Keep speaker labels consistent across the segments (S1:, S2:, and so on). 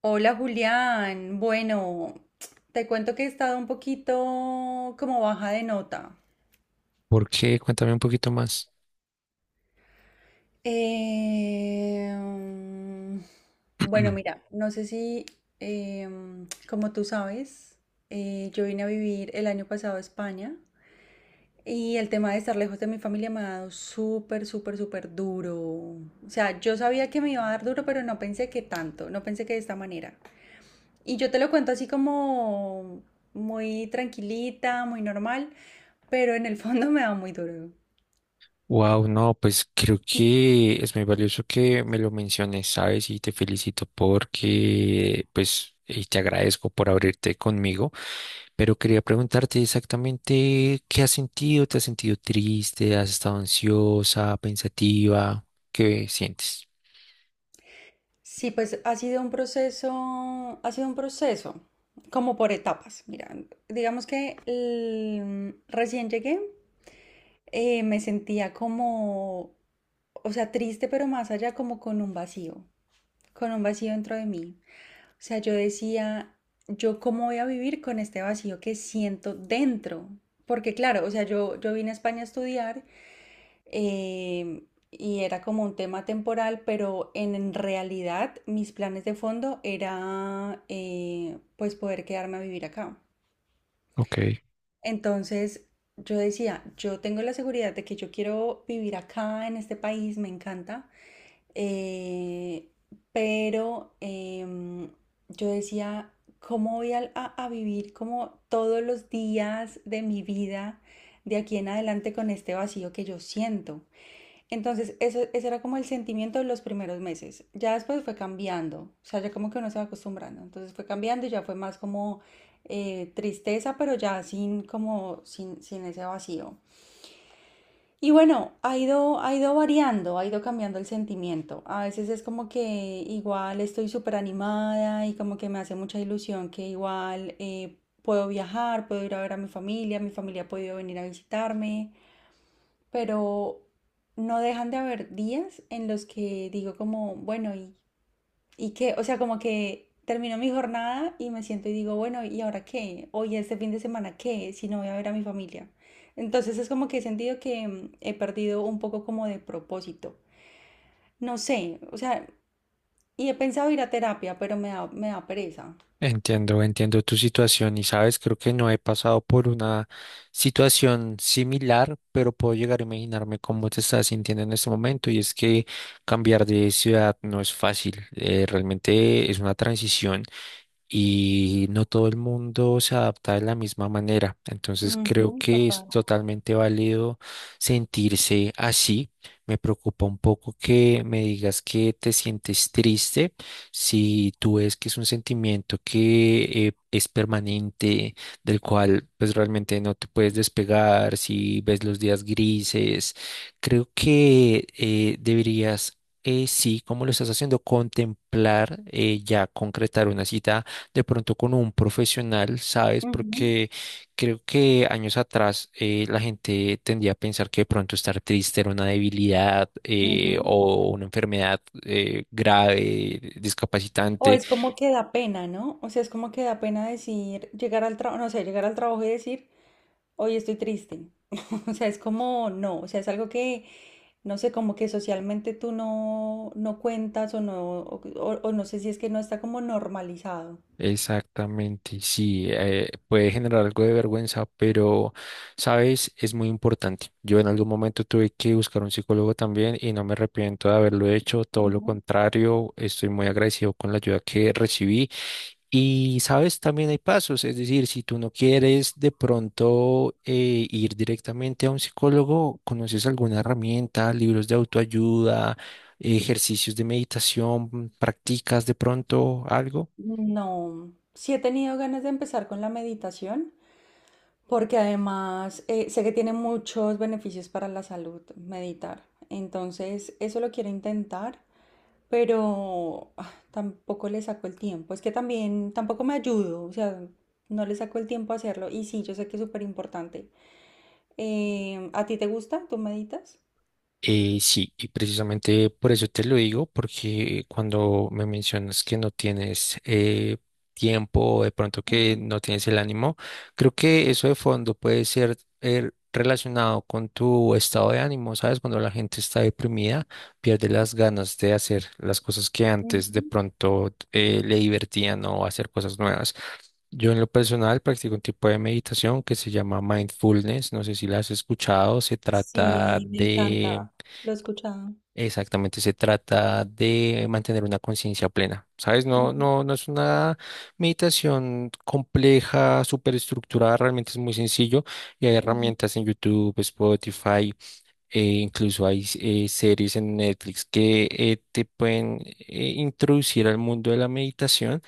S1: Hola Julián, bueno, te cuento que he estado un poquito como baja de nota.
S2: ¿Por qué? Cuéntame un poquito más.
S1: Em, bueno, mira, no sé si, como tú sabes, yo vine a vivir el año pasado a España y el tema de estar lejos de mi familia me ha dado súper, súper, súper duro. O sea, yo sabía que me iba a dar duro, pero no pensé que tanto, no pensé que de esta manera. Y yo te lo cuento así como muy tranquilita, muy normal, pero en el fondo me da muy duro.
S2: Wow, no, pues creo que es muy valioso que me lo menciones, ¿sabes? Y te felicito porque, pues, y te agradezco por abrirte conmigo, pero quería preguntarte exactamente qué has sentido, ¿te has sentido triste? ¿Has estado ansiosa, pensativa? ¿Qué sientes?
S1: Sí, pues ha sido un proceso, ha sido un proceso, como por etapas. Mira, digamos que recién llegué. Me sentía como, o sea, triste, pero más allá como con un vacío. Con un vacío dentro de mí. O sea, yo decía, yo cómo voy a vivir con este vacío que siento dentro. Porque claro, o sea, yo vine a España a estudiar. eh, y era como un tema temporal, pero en realidad mis planes de fondo era pues poder quedarme a vivir acá.
S2: Ok.
S1: Entonces yo decía, yo tengo la seguridad de que yo quiero vivir acá en este país, me encanta, eh, pero yo decía, ¿cómo voy a vivir como todos los días de mi vida de aquí en adelante con este vacío que yo siento? Entonces, ese era como el sentimiento de los primeros meses. Ya después fue cambiando, o sea, ya como que uno se va acostumbrando. Entonces fue cambiando y ya fue más como tristeza, pero ya sin como sin ese vacío. Y bueno, ha ido variando, ha ido cambiando el sentimiento. A veces es como que igual estoy súper animada y como que me hace mucha ilusión que igual puedo viajar, puedo ir a ver a mi familia ha podido venir a visitarme, pero no dejan de haber días en los que digo como, bueno, ¿y que, o sea, como que termino mi jornada y me siento y digo, bueno, ¿y ahora qué? Hoy este fin de semana, ¿qué? Si no voy a ver a mi familia. Entonces es como que he sentido que he perdido un poco como de propósito. No sé, o sea, y he pensado ir a terapia, pero me da pereza.
S2: Entiendo, entiendo tu situación y sabes, creo que no he pasado por una situación similar, pero puedo llegar a imaginarme cómo te estás sintiendo en este momento y es que cambiar de ciudad no es fácil, realmente es una transición y no todo el mundo se adapta de la misma manera. Entonces creo
S1: Ujú,
S2: que es
S1: total.
S2: totalmente válido sentirse así. Me preocupa un poco que me digas que te sientes triste si tú ves que es un sentimiento que es permanente, del cual pues realmente no te puedes despegar, si ves los días grises. Creo que deberías... sí, como lo estás haciendo, contemplar ya concretar una cita de pronto con un profesional, ¿sabes?
S1: Ujú,
S2: Porque creo que años atrás la gente tendía a pensar que de pronto estar triste era una debilidad
S1: ujú.
S2: o una enfermedad grave,
S1: O
S2: discapacitante.
S1: es como que da pena, ¿no? O sea, es como que da pena decir, llegar al trabajo, no sé, llegar al trabajo y decir, hoy estoy triste. O sea, es como, no, o sea, es algo que no sé, como que socialmente tú no cuentas o no, o no sé si es que no está como normalizado.
S2: Exactamente, sí, puede generar algo de vergüenza, pero, ¿sabes? Es muy importante. Yo en algún momento tuve que buscar un psicólogo también y no me arrepiento de haberlo hecho, todo lo
S1: Ujú.
S2: contrario, estoy muy agradecido con la ayuda que recibí. Y sabes, también hay pasos, es decir, si tú no quieres de pronto ir directamente a un psicólogo, conoces alguna herramienta, libros de autoayuda, ejercicios de meditación, practicas de pronto algo.
S1: No, sí he tenido ganas de empezar con la meditación porque además sé que tiene muchos beneficios para la salud meditar. Entonces, eso lo quiero intentar, pero tampoco le saco el tiempo. Es que también tampoco me ayudo, o sea, no le saco el tiempo a hacerlo. Y sí, yo sé que es súper importante. ¿A ti te gusta? ¿Tú meditas?
S2: Sí, y precisamente por eso te lo digo, porque cuando me mencionas que no tienes tiempo o de pronto que no tienes el ánimo, creo que eso de fondo puede ser relacionado con tu estado de ánimo, ¿sabes? Cuando la gente está deprimida, pierde las ganas de hacer las cosas que antes de
S1: Ujú.
S2: pronto le divertían o hacer cosas nuevas. Yo en lo personal practico un tipo de meditación que se llama mindfulness, no sé si la has escuchado, se trata
S1: Sí, me
S2: de
S1: encanta. Lo he escuchado.
S2: Exactamente, se trata de mantener una conciencia plena, ¿sabes? No,
S1: Ujú,
S2: no, no es una meditación compleja, súper estructurada, realmente es muy sencillo y hay
S1: ujú,
S2: herramientas en YouTube, Spotify, incluso hay series en Netflix que te pueden introducir al mundo de la meditación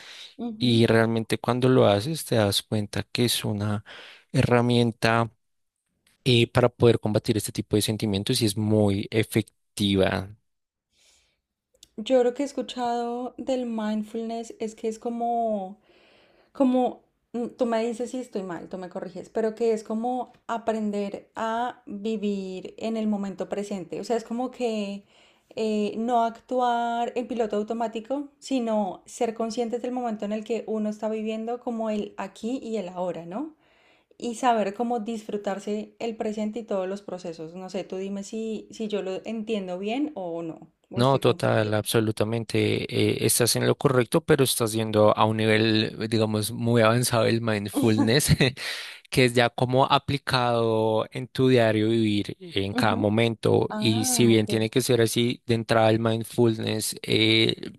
S2: y
S1: ujú.
S2: realmente cuando lo haces te das cuenta que es una herramienta para poder combatir este tipo de sentimientos y es muy efectiva.
S1: Yo lo que he escuchado del mindfulness es que es como, como, tú me dices si estoy mal, tú me corriges, pero que es como aprender a vivir en el momento presente. O sea, es como que no actuar en piloto automático, sino ser conscientes del momento en el que uno está viviendo como el aquí y el ahora, ¿no? Y saber cómo disfrutarse el presente y todos los procesos. No sé, tú dime si yo lo entiendo bien o no, o
S2: No,
S1: estoy
S2: total,
S1: confundida.
S2: absolutamente. Estás en lo correcto, pero estás yendo a un nivel, digamos, muy avanzado del mindfulness, que es ya como aplicado en tu diario vivir en cada
S1: Ujú.
S2: momento. Y
S1: Ah,
S2: si bien
S1: ok.
S2: tiene que ser así, de entrada el mindfulness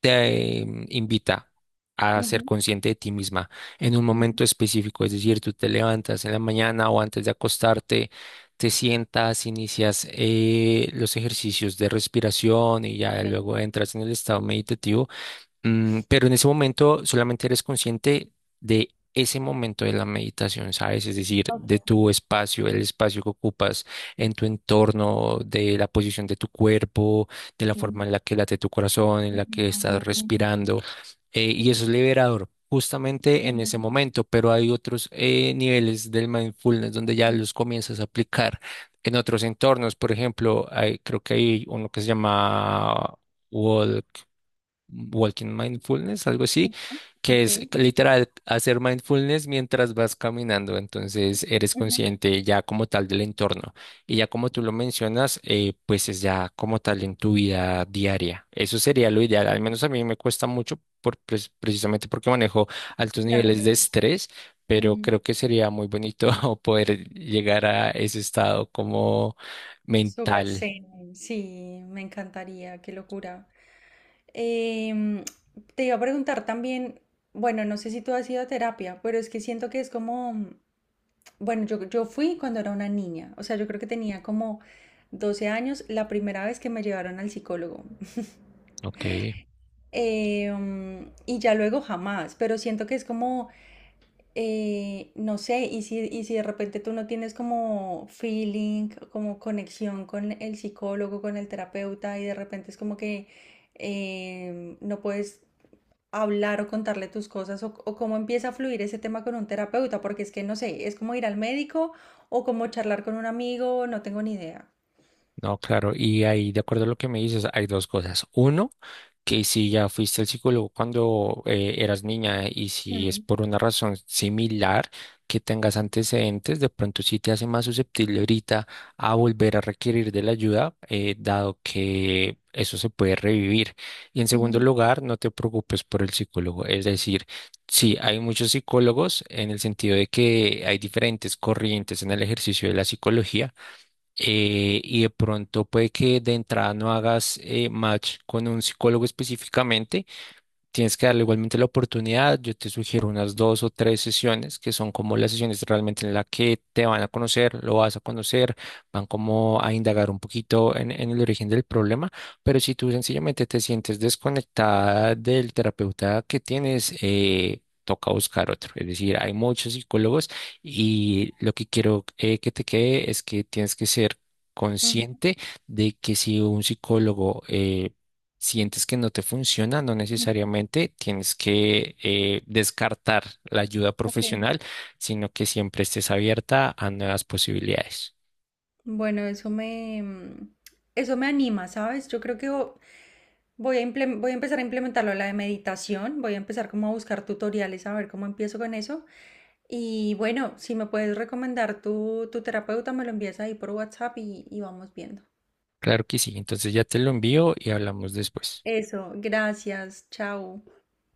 S2: te invita. A ser
S1: Ujú,
S2: consciente de ti misma en un
S1: ujú,
S2: momento específico, es decir, tú te levantas en la mañana o antes de acostarte, te sientas, inicias los ejercicios de respiración y ya
S1: ok,
S2: luego entras en el estado meditativo. Mm, pero en ese momento solamente eres consciente de ese momento de la meditación, ¿sabes? Es decir,
S1: ok.
S2: de tu espacio, el espacio que ocupas en tu entorno, de la posición de tu cuerpo, de la
S1: Ujú,
S2: forma en la que late tu corazón, en la que
S1: ujú,
S2: estás respirando. Y eso es liberador. Justamente en
S1: ujú,
S2: ese momento, pero hay otros niveles del mindfulness donde ya
S1: ujú,
S2: los comienzas a aplicar en otros entornos. Por ejemplo, creo que hay uno que se llama Walking Mindfulness, algo así, que
S1: ok,
S2: es literal hacer mindfulness mientras vas caminando, entonces eres
S1: ujú,
S2: consciente ya como tal del entorno y ya como tú lo mencionas, pues es ya como tal en tu vida diaria. Eso sería lo ideal, al menos a mí me cuesta mucho precisamente porque manejo altos niveles de
S1: claro.
S2: estrés, pero
S1: Ujú.
S2: creo que sería muy bonito poder llegar a ese estado como
S1: Súper
S2: mental.
S1: zen. Sí, me encantaría, qué locura. Em, te iba a preguntar también, bueno, no sé si tú has ido a terapia, pero es que siento que es como bueno, yo fui cuando era una niña, o sea, yo creo que tenía como 12 años la primera vez que me llevaron al psicólogo.
S2: Ok.
S1: Y ya luego jamás, pero siento que es como, no sé, y si de repente tú no tienes como feeling, como conexión con el psicólogo, con el terapeuta, y de repente es como que no puedes hablar o contarle tus cosas o cómo empieza a fluir ese tema con un terapeuta, porque es que no sé, es como ir al médico o como charlar con un amigo, no tengo ni idea.
S2: No, claro, y ahí, de acuerdo a lo que me dices, hay dos cosas. Uno, que si ya fuiste al psicólogo cuando eras niña y si es
S1: Mm,
S2: por una razón similar que tengas antecedentes, de pronto sí te hace más susceptible ahorita a volver a requerir de la ayuda, dado que eso se puede revivir. Y en segundo
S1: ujú,
S2: lugar, no te preocupes por el psicólogo, es decir, sí, hay muchos psicólogos en el sentido de que hay diferentes corrientes en el ejercicio de la psicología y de pronto puede que de entrada no hagas match con un psicólogo específicamente. Tienes que darle igualmente la oportunidad. Yo te sugiero unas dos o tres sesiones que son como las sesiones realmente en las que te van a conocer, lo vas a conocer, van como a indagar un poquito en el origen del problema. Pero si tú sencillamente te sientes desconectada del terapeuta que tienes, toca buscar otro. Es decir, hay muchos psicólogos y lo que quiero que te quede es que tienes que ser
S1: ujú,
S2: consciente de que si un psicólogo sientes que no te funciona, no
S1: ujú,
S2: necesariamente tienes que descartar la ayuda
S1: ok.
S2: profesional, sino que siempre estés abierta a nuevas posibilidades.
S1: Bueno, eso me anima, ¿sabes? Yo creo que voy a empezar a implementarlo, la de meditación, voy a empezar como a buscar tutoriales, a ver cómo empiezo con eso. Y bueno, si me puedes recomendar tu terapeuta, me lo envías ahí por WhatsApp y vamos viendo.
S2: Claro que sí, entonces ya te lo envío y hablamos después.
S1: Eso, gracias, chao.